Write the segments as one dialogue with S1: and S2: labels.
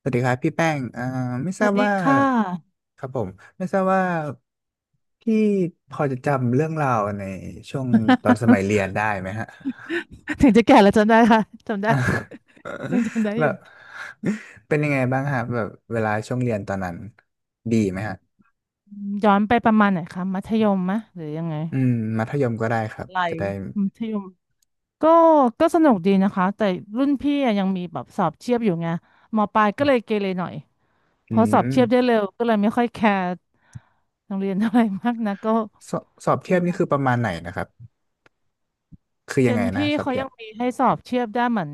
S1: สวัสดีครับพี่แป้งไม่
S2: ส
S1: ทรา
S2: วั
S1: บ
S2: สดี
S1: ว่า
S2: ค่ะ
S1: ครับผมไม่ทราบว่าพี่พอจะจำเรื่องราวในช่วงตอนสมัยเรีย นได้ไหมฮะ
S2: ถึงจะแก่แล้วจำได้ค่ะจำได้
S1: อ่า
S2: ยังจำได้
S1: แบ
S2: อยู่
S1: บเป็นยังไงบ้างฮะแบบเวลาช่วงเรียนตอนนั้นดีไหมฮะ
S2: ย้อนไปประมาณไหนคะมัธยมมะหรือยังไง
S1: อืมมัธยมก็ได้ครับ
S2: อะไร
S1: จะได้
S2: มัธยมก็ก็สนุกดีนะคะแต่รุ่นพี่อะยังมีแบบสอบเทียบอยู่ไงมปลายก็เลยเกเรหน่อยเพ
S1: อื
S2: ราะสอบ
S1: ม
S2: เทียบได้เร็วก็เลยไม่ค่อยแคร์โรงเรียนเท่าไหร่มากนะก็
S1: สอบเทียบ
S2: มี
S1: นี่คือประมาณไหนนะครับคือ
S2: เจ
S1: ยังไง
S2: น
S1: นะ
S2: พี่
S1: สอบ
S2: เขา
S1: เทีย
S2: ยั
S1: บ
S2: งมีให้สอบเทียบได้เหมือน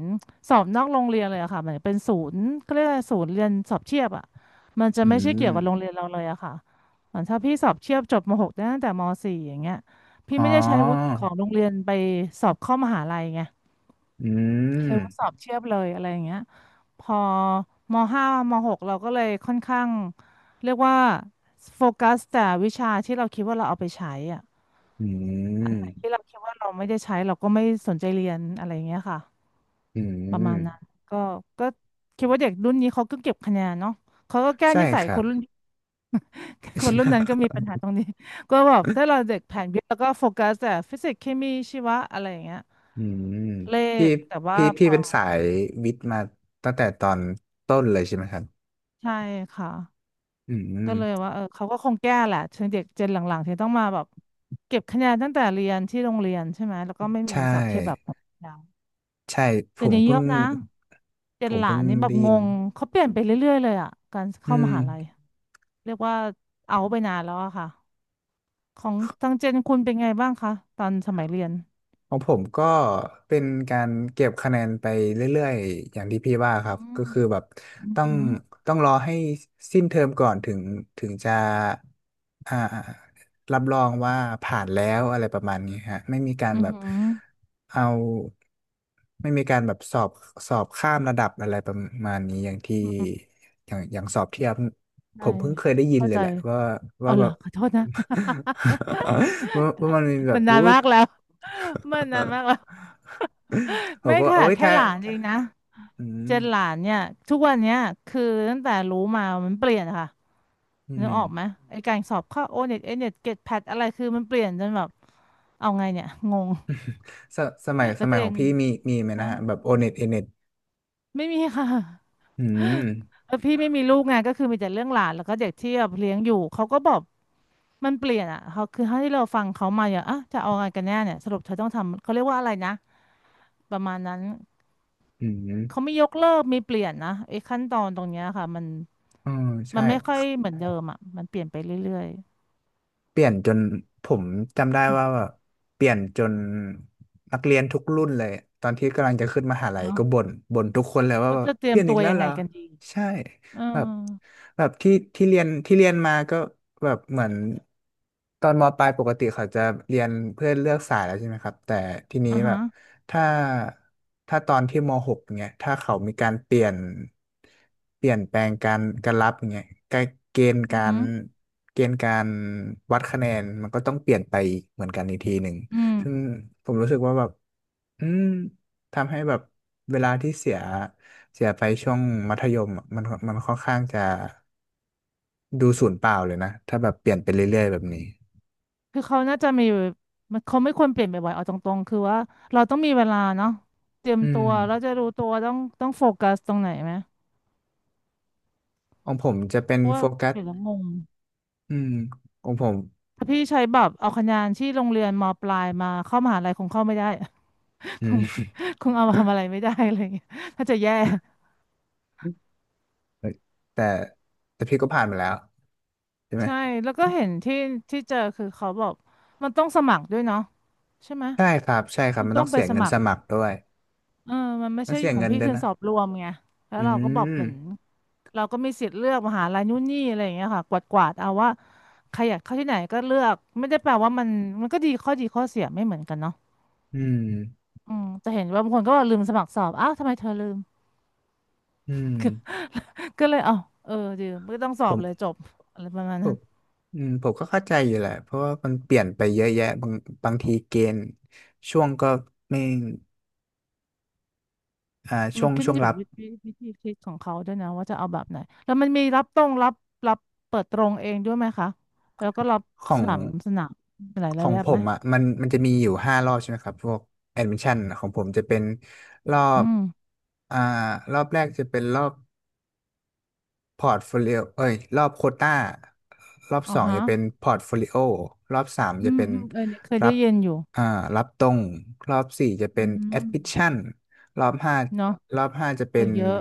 S2: สอบนอกโรงเรียนเลยอะค่ะเหมือนเป็นศูนย์ก็เรียกอะไรศูนย์เรียนสอบเทียบอะมันจะ
S1: อื
S2: ไม่ใช่
S1: ม
S2: เกี่ยวกับโรงเรียนเราเลยอะค่ะเหมือนถ้าพี่สอบเทียบจบม .6 ได้ตั้งแต่มสี่อย่างเงี้ยพี่
S1: อ๋อ
S2: ไม่ได้ใช้วุฒิของโรงเรียนไปสอบเข้ามหาลัยไง
S1: อื
S2: ใช้วุฒิส
S1: ม
S2: อบเทียบเลยอะไรอย่างเงี้ยพอมห้ามหกเราก็เลยค่อนข้างเรียกว่าโฟกัสแต่วิชาที่เราคิดว่าเราเอาไปใช้อะ
S1: อื
S2: ที่
S1: ม
S2: เราคิดว่าเราไม่ได้ใช้เราก็ไม่สนใจเรียนอะไรอย่างเงี้ยค่ะ
S1: อื
S2: ประมาณนั้น
S1: ม
S2: ก็ก็คิดว่าเด็กรุ่นนี้เขาก็เก็บคะแนนเนาะเขาก็แก้
S1: ใช่
S2: นิสั
S1: ค
S2: ย
S1: รั
S2: ค
S1: บ
S2: นรุ่น คนรุ่นนั้นก็ มีปัญหาตรงนี้ก็แบบถ้าเราเด็กแผนวิทย์แล้วก็โฟกัสแต่ฟิสิกส์เคมีชีวะอะไรอย่างเงี้ย
S1: อืม
S2: เล
S1: พี่
S2: ขแต่ว่า
S1: พี่
S2: พ
S1: พี่
S2: อ
S1: เป็นสา
S2: เออ
S1: ยวิทย์มาตั้งแต่ตอนต้นเลยใช่ไหมครับ
S2: ใช่ค่ะ
S1: อื
S2: ก็เลย
S1: ม
S2: ว่าเออเขาก็คงแก้แหละถึงเด็กเจนหลังๆที่ต้องมาแบบเก็บคะแนนตั้งแต่เรียนที่โรงเรียนใช่ไหมแล้วก็ไม่
S1: ใช
S2: มีสอบเทียบแบบ
S1: ่ใช่ผ
S2: เดี๋ยว
S1: ม
S2: นี้เย
S1: เพิ่ง
S2: อะนะเจ
S1: ผ
S2: น
S1: ม
S2: หลา
S1: เพิ่ง
S2: นนี่แบบ
S1: ได้
S2: ง
S1: ยิน
S2: งเขาเปลี่ยนไปเรื่อยๆเลยอ่ะการ
S1: อื
S2: เข้าม
S1: ม
S2: หาลัยเรียกว่าเอาไปนานแล้วอะค่ะของทางเจนคุณเป็นไงบ้างคะตอนสมัยเรียน
S1: ของผมก็เป็นการเก็บคะแนนไปเรื่อยๆอย่างที่พี่ว่าค
S2: อื
S1: รับก็
S2: ม
S1: คือแบบ
S2: อือ
S1: ต้อง
S2: หือ
S1: ต้องรอให้สิ้นเทอมก่อนถึงจะอ่ารับรองว่าผ่านแล้วอะไรประมาณนี้ฮะไม่มีการ
S2: อือ
S1: แบบ
S2: หือ
S1: เอาไม่มีการแบบสอบข้ามระดับอะไรประมาณนี้อย่างที่อย่างอย่างสอบเทียบผ
S2: ใช่
S1: มเพิ่งเคยได้ยิน
S2: เข้า
S1: เลย
S2: ใจ
S1: แหละว่า
S2: เออ
S1: ว่า
S2: เห
S1: แบ
S2: รอ
S1: บ
S2: ขอโทษนะ
S1: ว่ามันมี แบ
S2: มั
S1: บ
S2: นนา
S1: อู้
S2: นมากแล้ว มันนานมากแล้ว
S1: ผ ม
S2: ไม่
S1: ก็ว่า
S2: ค่ะ
S1: เอ้ย
S2: แค่
S1: ถ้า
S2: หลานเอ
S1: ถ้า
S2: งนะ
S1: อื
S2: เจ
S1: ม
S2: นหลานเนี่ยทุกวันเนี้ยคือตั้งแต่รู้มามันเปลี่ยนค่ะ
S1: อื
S2: นึ
S1: ม
S2: กออกไหมไอ้การสอบเข้าโอเน็ตเอเน็ตเกตแพดอะไรคือมันเปลี่ยนจนแบบเอาไงเนี่ยงง
S1: สสมัยส
S2: แล้วตั
S1: มัย
S2: ว
S1: ข
S2: เอ
S1: อง
S2: ง
S1: พี่มีมีไหม
S2: ฮะ
S1: นะฮะแบบโอเน็ตเอเน็ต
S2: ไม่มีค่ะ
S1: อืม
S2: แล้วพี่ไม่มีลูกไงก็คือมีแต่เรื่องหลานแล้วก็เด็กที่แบบเลี้ยงอยู่เขาก็บอกมันเปลี่ยนอ่ะเขาคือเท่าที่เราฟังเขามาอย่างอ่ะจะเอาไงกันแน่เนี่ยสรุปเธอต้องทำเขาเรียกว่าอะไรนะประมาณนั้น
S1: อื
S2: เขา
S1: ม
S2: ไม่ยกเลิกไมีเปลี่ยนนะไอ้ขั้นตอนตรงเนี้ยค่ะมัน
S1: อ๋อ
S2: มั
S1: ใช่
S2: นไม่ค่อยเหมือนเดิมอ่ะมันเปลี่ยนไปเรื่อย
S1: เปลี่ยนจนผมจำได้ว่าแบบเปลี่ยนจนนักเรียนทุกรุ่นเลยตอนที่กำลังจะขึ้นมหาลั
S2: ๆ
S1: ย
S2: เนาะ
S1: ก็บ่นบ่นทุกคนเลยว่า
S2: ก็
S1: แบบ
S2: จะเตรี
S1: เป
S2: ยม
S1: ลี่ยน
S2: ตั
S1: อีก
S2: ว
S1: แล้ว
S2: ยัง
S1: เหร
S2: ไง
S1: อ
S2: กันดี
S1: ใช่
S2: เออ
S1: แบบแบบที่เรียนมาก็แบบเหมือนตอนมปลายปกติเขาจะเรียนเพื่อเลือกสายแล้วใช่ไหมครับแต่ทีนี้
S2: อ่า
S1: แบ
S2: ฮะ
S1: บ ถ้าถ้าตอนที่ม .6 เนี่ยถ้าเขามีการเปลี่ยนเปลี่ยนแปลงการรับเนี่ยการเกณฑ์
S2: อือ
S1: กา
S2: หื
S1: ร
S2: อ
S1: เกณฑ์การวัดคะแนนมันก็ต้องเปลี่ยนไปเหมือนกันอีกทีหนึ่ง
S2: อืม
S1: ซึ่งผมรู้สึกว่าแบบอืมทำให้แบบเวลาที่เสียเสียไปช่วงมัธยมอะมันมันค่อนข้างจะดูสูญเปล่าเลยนะถ้าแบบเปลี่ยนไปเรื่อยๆแบบนี้
S2: คือเขาน่าจะมีมันเขาไม่ควรเปลี่ยนบ่อยๆเอาตรงๆคือว่าเราต้องมีเวลาเนาะเตรียม
S1: อื
S2: ตั
S1: ม
S2: วแราวจะรู้ตัวต้องโฟกัสตรงไหนไหม
S1: ของผมจะเป็น
S2: เพราะ
S1: โฟ
S2: ว่า
S1: กั
S2: เป
S1: ส
S2: ลี่ยนแล้วงง
S1: อืมของผม
S2: ถ้าพี่ใช้แบบเอาคะแนนที่โรงเรียนมปลายมาเข้ามหาลัยคงเข้าไม่ได้
S1: อื
S2: คง
S1: ม
S2: คงเอามาทำอะไรไม่ได้อะไรอย่างเงี้ยน่าจะแย่
S1: เอ้ยแต่แต่พี่ก็ผ่านมาแล้วใช่ไหม
S2: ใช่แล้วก็เห็นที่ที่เจอคือเขาบอกมันต้องสมัครด้วยเนาะใช่ไหม
S1: ใช่ครับใช่ครับ
S2: มัน
S1: มัน
S2: ต้อ
S1: ต้อ
S2: ง
S1: ง
S2: ไป
S1: เสีย
S2: ส
S1: เงิน
S2: มัค
S1: ส
S2: ร
S1: มัครด้วย
S2: เออมันไม่
S1: ต้อง
S2: ใช่
S1: เสีย
S2: ของ
S1: เงิน
S2: พี่
S1: ด้วย
S2: คืน
S1: นะ
S2: สอบรวมไงแล้ว
S1: อื
S2: เราก็บอก
S1: ม
S2: เหมือนเราก็มีสิทธิ์เลือกมหาลัยนู่นนี่อะไรอย่างเงี้ยค่ะกวาดกวาดเอาว่าใครอยากเข้าที่ไหนก็เลือกไม่ได้แปลว่ามันมันก็ดีข้อดีข้อเสียไม่เหมือนกันเนาะ
S1: อืม
S2: อืมจะเห็นว่าบางคนก็บอกลืมสมัครสอบอ้าวทำไมเธอลืม
S1: อืม
S2: ก็เลยเอ้าเออลืมก็ต้องสอ
S1: ผ
S2: บเลย
S1: ม
S2: จบอะไรประมาณ
S1: ผ
S2: นั้น
S1: มอืมผมก็เข้าใจอยู่แหละเพราะว่ามันเปลี่ยนไปเยอะแยะบางบางทีเกณฑ์ช่วงก็ไม่
S2: มั
S1: ช่ว
S2: น
S1: ง
S2: ขึ้น
S1: ช่วง
S2: อยู่
S1: รับ
S2: วิธีคิดของเขาด้วยนะว่าจะเอาแบบไหนแล้วมันมีรับตรงรับรับเปิดตรงเองด้วยไหมคะแล้วก็รับ
S1: ขอ
S2: ส
S1: ง
S2: นามสนามหลายห
S1: ข
S2: ลา
S1: อ
S2: ย
S1: ง
S2: แบบ
S1: ผ
S2: ไหม
S1: มอ่ะมันจะมีอยู่ห้ารอบใช่ไหมครับพวกแอดมิชชั่นของผมจะเป็นรอ
S2: อื
S1: บ
S2: ม
S1: อ่ารอบแรกจะเป็นรอบ พอร์ตโฟลิโอเอ้ยรอบโควต้ารอบ
S2: อ๋อ
S1: สอง
S2: ฮะ
S1: จะเป็นพอร์ตโฟลิโอรอบสามจะ
S2: อืม
S1: เป็น
S2: อืมเออเนี่ยเคย
S1: รั
S2: ได้
S1: บ
S2: ยินอยู่
S1: อ่ารับตรง รอบสี่จะเป็
S2: อื
S1: นแอด
S2: ม
S1: มิชชั่นรอบห้า
S2: เนาะ
S1: รอบห้าจะ
S2: เอ
S1: เป็
S2: อ
S1: น
S2: เยอะ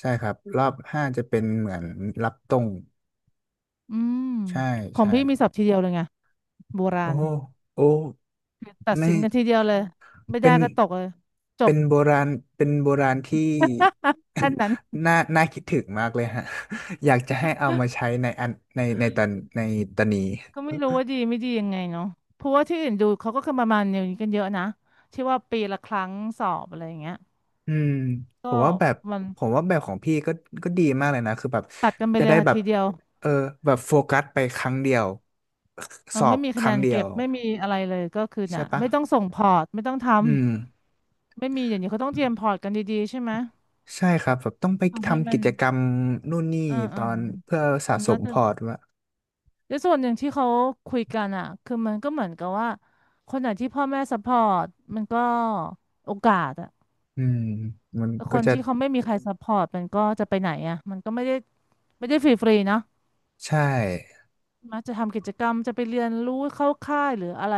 S1: ใช่ครับ รอบห้าจะเป็นเหมือนรับตรง
S2: อืม
S1: ใช่
S2: ของ
S1: ใช่
S2: พี่มีศัพท์ทีเดียวเลยไงโบรา
S1: โอ้
S2: ณ
S1: โโอ้
S2: คือตัด
S1: ไม่
S2: สินกันทีเดียวเลยไม่
S1: เป็
S2: ได้
S1: น
S2: ก็ตกเลยจ
S1: เป็
S2: บ
S1: นโบราณเป็นโบราณที่
S2: ขั้นนั้น
S1: น่าน่าคิดถึงมากเลยฮะ อยากจะให้เอามาใช้ในอันในในตอนในตอนนี้
S2: ก็ไม่รู้ว่าดีไม่ดียังไงเนาะเพราะว่าที่อื่นดูเขาก็คือประมาณอย่างนี้กันเยอะนะที่ว่าปีละครั้งสอบอะไรอย่างเงี้ย
S1: อืมผ
S2: ก็
S1: มว่าแบบ
S2: มัน
S1: ผมว่าแบบของพี่ก็ก็ดีมากเลยนะคือแบบ
S2: ตัดกันไป
S1: จะ
S2: เลย
S1: ได้
S2: ค่ะ
S1: แบบ
S2: ทีเดียว
S1: เออแบบโฟกัสไปครั้งเดียว
S2: เอ
S1: ส
S2: อ
S1: อ
S2: ไม่
S1: บ
S2: มี
S1: ค
S2: คะแน
S1: รั้ง
S2: น
S1: เดีย
S2: เก็
S1: ว
S2: บไม่มีอะไรเลยก็คือ
S1: ใช่
S2: น่ะ
S1: ปะ
S2: ไม่ต้องส่งพอร์ตไม่ต้องท
S1: อืม
S2: ำไม่มีอย่างนี้เขาต้องเตรียมพอร์ตกันดีๆใช่ไหม
S1: ใช่ครับแบบต้องไป
S2: ทำให้
S1: ทำ
S2: มั
S1: กิ
S2: น
S1: จกรรมนู่นนี่
S2: อ่า
S1: ต
S2: อ่า
S1: อนเพื่อสะ
S2: มัน
S1: ส
S2: น่า
S1: มพ
S2: จะ
S1: อร์ตว่า
S2: และส่วนหนึ่งที่เขาคุยกันอ่ะคือมันก็เหมือนกับว่าคนไหนที่พ่อแม่ซัพพอร์ตมันก็โอกาสอะ
S1: อืมมัน
S2: ค
S1: ก็
S2: น
S1: จะ
S2: ที่เขาไม่มีใครซัพพอร์ตมันก็จะไปไหนอ่ะมันก็ไม่ได้ฟรีฟรีเนอะ
S1: ใช่
S2: มักจะทำกิจกรรมจะไปเรียนรู้เข้าค่ายหรืออะไร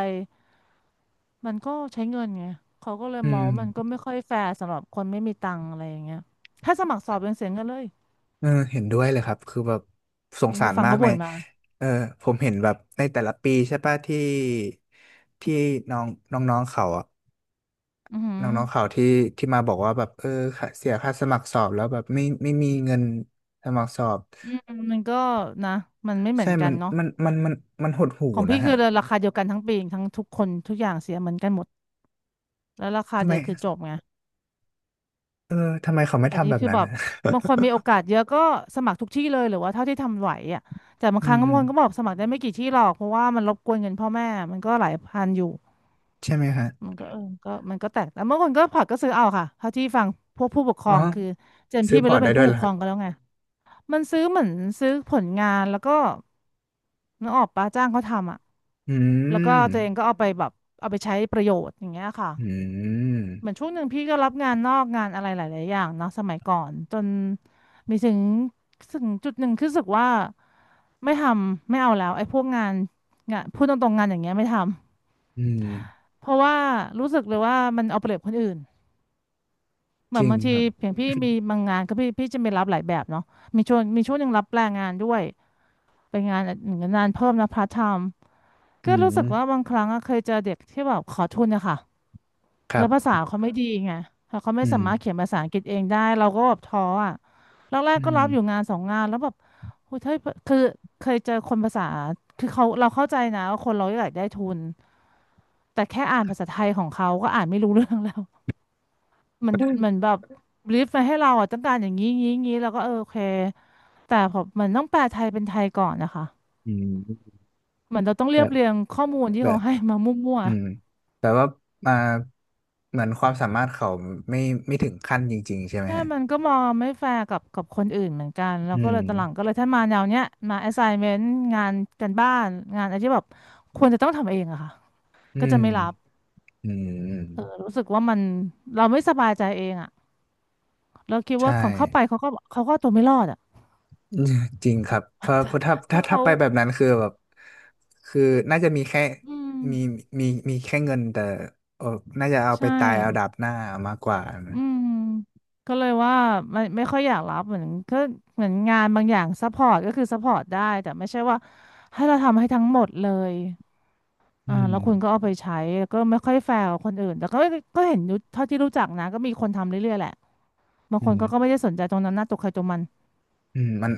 S2: มันก็ใช้เงินไงเขาก็เลย
S1: อื
S2: มอ
S1: ม
S2: งว่ามันก็ไม่ค่อยแฟร์สำหรับคนไม่มีตังค์อะไรอย่างเงี้ยถ้าสมัครสอบยังเสียเงินเลย
S1: เออเห็นด้วยเลยครับ คือแบบส
S2: อัน
S1: ง
S2: นี่
S1: สา
S2: คื
S1: ร
S2: อฟัง
S1: มาก
S2: เขา
S1: ใน
S2: บ่นมา
S1: เออผมเห็นแบบในแต่ละปีใช่ป่ะที่ที่น้องน้องๆเขาอะ
S2: อือหือ
S1: น้องๆเขาที่ที่มาบอกว่าแบบเออค่าเสียค่าสมัครสอบแล้วแบบไม่ไม่มีเงินสมัครสอบ
S2: อืมมันก็นะมันไม่เหมื
S1: ใช่
S2: อนกั
S1: มั
S2: น
S1: น
S2: เนาะ
S1: มันมันมันมันหดหู่
S2: ของ
S1: นะ
S2: พี่คื
S1: ฮะ
S2: อราคาเดียวกันทั้งปีทั้งทุกคนทุกอย่างเสียเหมือนกันหมดแล้วราคา
S1: ทำไม
S2: เดียวคือจบไง
S1: เออทำไมเขาไม่
S2: อัน
S1: ทำ
S2: นี้
S1: แบบ
S2: คือ
S1: นั้น
S2: แบ บ
S1: อ
S2: บางคนมีโอกาสเยอะก็สมัครทุกที่เลยหรือว่าเท่าที่ทำไหวอ่ะแต่บาง
S1: ื
S2: ครั้งบางค
S1: ม
S2: นก็บอกสมัครได้ไม่กี่ที่หรอกเพราะว่ามันรบกวนเงินพ่อแม่มันก็หลายพันอยู่
S1: ใช่ไหมฮะ
S2: มันก็เออก็มันก็แตกแต่บางคนก็ผักก็ซื้อเอาค่ะเท่าที่ฟังพวกผู้ปกคร
S1: อ๋อ
S2: องคือเจน
S1: ซื้
S2: พี่
S1: อ
S2: ไป
S1: พอร์
S2: เริ่
S1: ต
S2: ม
S1: ได้
S2: เป็น
S1: ด้ว
S2: ผู้
S1: ย
S2: ป
S1: เหร
S2: ก
S1: อ
S2: คร
S1: ฮะ
S2: องกันแล้วไงมันซื้อเหมือนซื้อผลงานแล้วก็นึกออกปะจ้างเขาทำอ่ะ
S1: อื
S2: แล้วก็
S1: ม
S2: ตัวเองก็เอาไปแบบเอาไปใช้ประโยชน์อย่างเงี้ยค่ะ
S1: อื
S2: เหมือน
S1: ม
S2: ช่วงหนึ่งพี่ก็รับงานนอกงานอะไรหลายๆอย่างเนาะสมัยก่อนจนมีถึงจุดหนึ่งคือรู้สึกว่าไม่ทำไม่เอาแล้วไอ้พวกงานงานพูดตรงๆงานอย่างเงี้ยไม่ทำ
S1: อืม
S2: เพราะว่ารู้สึกเลยว่ามันเอาเปรียบคนอื่นเหมื
S1: จ
S2: อน
S1: ริง
S2: บางที
S1: ครับ
S2: อย่างพี่ มีบางงานก็พี่จะไปรับหลายแบบเนาะมีช่วงหนึ่งรับแปลงงานด้วยเป็นงานงานเพิ่มนะพาร์ทไทม์
S1: อื
S2: ก็รู้สึก
S1: ม
S2: ว่าบางครั้งอะเคยเจอเด็กที่แบบขอทุนนะคะ
S1: ครั
S2: แล้วภาษา
S1: บ
S2: เขาไม่ดีไงแล้วเขาไม่
S1: อื
S2: สา
S1: ม
S2: มารถเขียนภาษาอังกฤษเองได้เราก็แบบท้ออ่ะแร
S1: อื
S2: กๆก็
S1: ม
S2: รับอยู่งานสองงานแล้วแบบโอ้ยเฮ้ยคือเคยเจอคนภาษา คือเขาเราเข้าใจนะว่าคนเราอยากได้ทุน แต่แค่อ่านภาษาไทยของเขาก็อ่านไม่รู้เรื่องแล้ว มันแบบรีฟมาให้เราอ่ะต้องการอย่างนี้งี้งี้แล้วก็เออโอเค แต่ผมมันต้องแปลไทยเป็นไทยก่อนนะคะ
S1: อืม
S2: เหมือนเราต้องเรี
S1: แบ
S2: ยบ
S1: บ
S2: เรียงข้อมูลที่
S1: แบ
S2: เขา
S1: บ
S2: ให้มามั่ว
S1: อืมแต่ว่ามาเหมือนความสามารถเขาไม่ไม่ถึงขั้นจริงๆใช่ไหม
S2: ใช่
S1: ฮะ
S2: มันก็มองไม่แฟร์กับคนอื่นเหมือนกันแล้ว
S1: อื
S2: ก็
S1: ม
S2: เลยตอนหลังก็เลยถ้ามาแนวเนี้ยมา assignment งานการบ้านงานอะไรที่แบบควรจะต้องทำเองอะค่ะ
S1: อื
S2: ก็จะ
S1: ม
S2: ไม่รับ
S1: อืม
S2: รู้สึกว่ามันเราไม่สบายใจเองอะเราคิดว่า
S1: ใช่
S2: ของเข้าไปเขาก็เอาตัวไม่รอดอะ
S1: จริงครับเพราะเพราะถ้าถ้า
S2: ถ้า
S1: ถ้า
S2: เขา
S1: ไปแบบนั้นคือแบบคือน่าจะมีแค่
S2: อื
S1: มี
S2: ม
S1: มีมีแค่เงินแต่เออน่าจะเอาไป
S2: ใช่
S1: ตายเอาดาบหน้ามากกว่านะ
S2: อืมก็เลยว่าไม่ค่อยอยากรับเหมือนก็เหมือนงานบางอย่างซัพพอร์ตก็คือซัพพอร์ตได้แต่ไม่ใช่ว่าให้เราทำให้ทั้งหมดเลย
S1: อื
S2: อ่า
S1: ม
S2: แล้วคุณก็เอาไปใช้ก็ไม่ค่อยแฟร์กับคนอื่นแต่ก็เห็นอยู่เท่าที่รู้จักนะก็มีคนทำเรื่อยๆแหละบาง
S1: อื
S2: คนเขาก็ไม่
S1: ม
S2: ได้สนใจตรงนั้นหน้าตกใครตรงมัน
S1: อืมมัน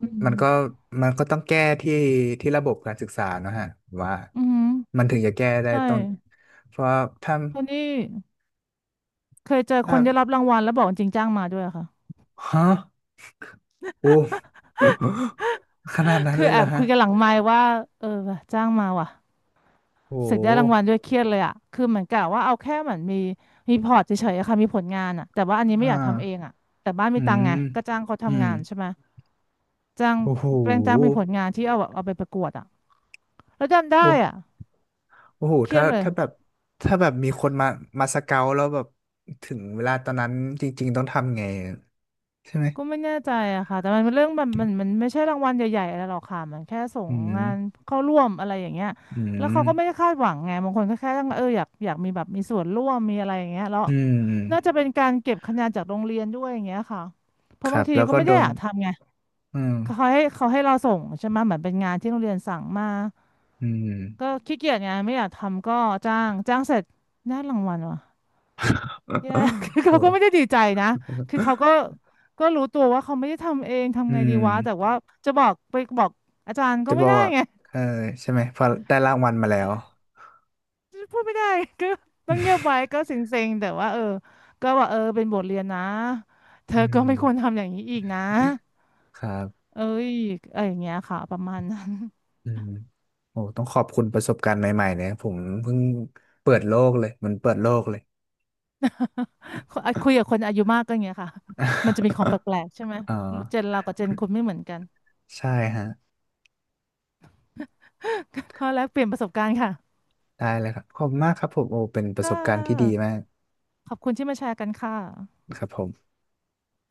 S2: อื
S1: มัน
S2: ม
S1: ก็มันก็ต้องแก้ที่ที่ระบบการศึกษาเนอะฮะ ว่า
S2: อืม
S1: มันถึงจะแก้ได้
S2: ใช่
S1: ต้องเพราะถ้า
S2: คนนี้เคยเจอค
S1: ถ้า
S2: นได้รับรางวัลแล้วบอกจริงจ้างมาด้วยอะค่ะ
S1: ฮะโอ้ ขนาดนั้น
S2: คือ
S1: เลย
S2: แอ
S1: เหรอ
S2: บคุ
S1: ฮะ
S2: ยกันหลังไมค์ว่าเออว่ะจ้างมาว่ะ
S1: โอ
S2: เสร็จได้ราง
S1: ้
S2: วัลด้วยเครียดเลยอะคือเหมือนกับว่าเอาแค่เหมือนมีพอร์ตเฉยๆอะค่ะมีผลงานอะแต่ว่าอันนี้ไม่
S1: อ่า
S2: อยากทำเองอะแต่บ้าน
S1: อื
S2: มีตัง
S1: ม
S2: ค์ไงก็จ้างเขา
S1: อื
S2: ทำ
S1: ม
S2: งานใช่ไหมจ้าง
S1: โอ้โห
S2: แปลงจ้างเป็นผลงานที่เอาแบบเอาไปประกวดอะ แล้วจำได้
S1: โอ้
S2: อ่ะ
S1: โอ้โห
S2: เครีย
S1: ถ้า
S2: ดเลย
S1: ถ้าแบบถ้าแบบมีคนมามาสเกาแล้วแบบถึงเวลาตอนนั้นจริงๆต้องทำไง ใช่ไหม
S2: ก็ไม่แน่ใจอะค่ะแต่มันเป็นเรื่องแบบมันไม่ใช่รางวัลใหญ่ๆอะไรหรอกค่ะมันแค่ส่ง
S1: อืม
S2: งานเข้าร่วมอะไรอย่างเงี้ย
S1: อื
S2: แล้ว
S1: ม
S2: เขาก็ไม่ได้คาดหวังไงบางคนก็แค่ต้องเอออยากมีแบบมีส่วนร่วมมีอะไรอย่างเงี้ยแล้ว
S1: อื
S2: น่าจะ
S1: ม
S2: เป็นการเก็บคะแนนจากโรงเรียนด้วยอย่างเงี้ยค่ะเพ
S1: ค
S2: ราะ
S1: รั
S2: บาง
S1: บ
S2: ที
S1: แล้ว
S2: ก็
S1: ก็
S2: ไม่
S1: โด
S2: ได้อ
S1: น
S2: ยากทำไง
S1: อืม
S2: เขาให้เราส่งใช่ไหมเหมือนเป็นงานที่โรงเรียนสั่งมา
S1: อืม
S2: ก็ขี้เกียจไงไม่อยากทำก็จ้างเสร็จได้รางวัลวะ เนี่ย คือ
S1: โอ้
S2: เขาก็ไม่ได้ดีใจนะคือเขาก็รู้ตัวว่าเขาไม่ได้ทำเองทำ
S1: อื
S2: ไงดี
S1: ม
S2: วะ แต่ว่าจะบอกไปบอกอาจารย์ก็
S1: จะบ
S2: ไม่
S1: อก
S2: ได้
S1: ว่า
S2: ไง
S1: เออใช่ไหมพอได้รางวัลมาแล้ว
S2: พูดไม่ได้ ก็ต้องเงียบไว้ ก็เซ็งๆแต่ว่าเออก็ว่าเออเป็นบทเรียนนะเธ
S1: อื
S2: อก็
S1: ม
S2: ไม่ควรทำอย่างนี้อีกนะ
S1: ครับ
S2: เอ้ยอะไรอย่างเงี้ยค่ะประมาณนั้น
S1: อืมโอ้ต้องขอบคุณประสบการณ์ใหม่ๆเนี่ยผมเพิ่งเปิดโลกเลยมันเปิดโลกเลย
S2: คุยกับคนอายุมากก็อย่างเงี้ยค่ะ มันจะมีของแปลกๆใช่ไหม
S1: อ่า
S2: เจนเรากับเจนคุณไม่เหมือนกัน
S1: ใช่ฮะ
S2: ข้อแลกเปลี่ยนประสบการณ์ค่ะ
S1: ได้เลยครับขอบคุณมากครับผมโอ้เป็นประ
S2: ค่
S1: สบการณ์ที่ดี
S2: ะ
S1: มาก
S2: ขอบคุณที่มาแชร์กันค่ะ
S1: ครับผม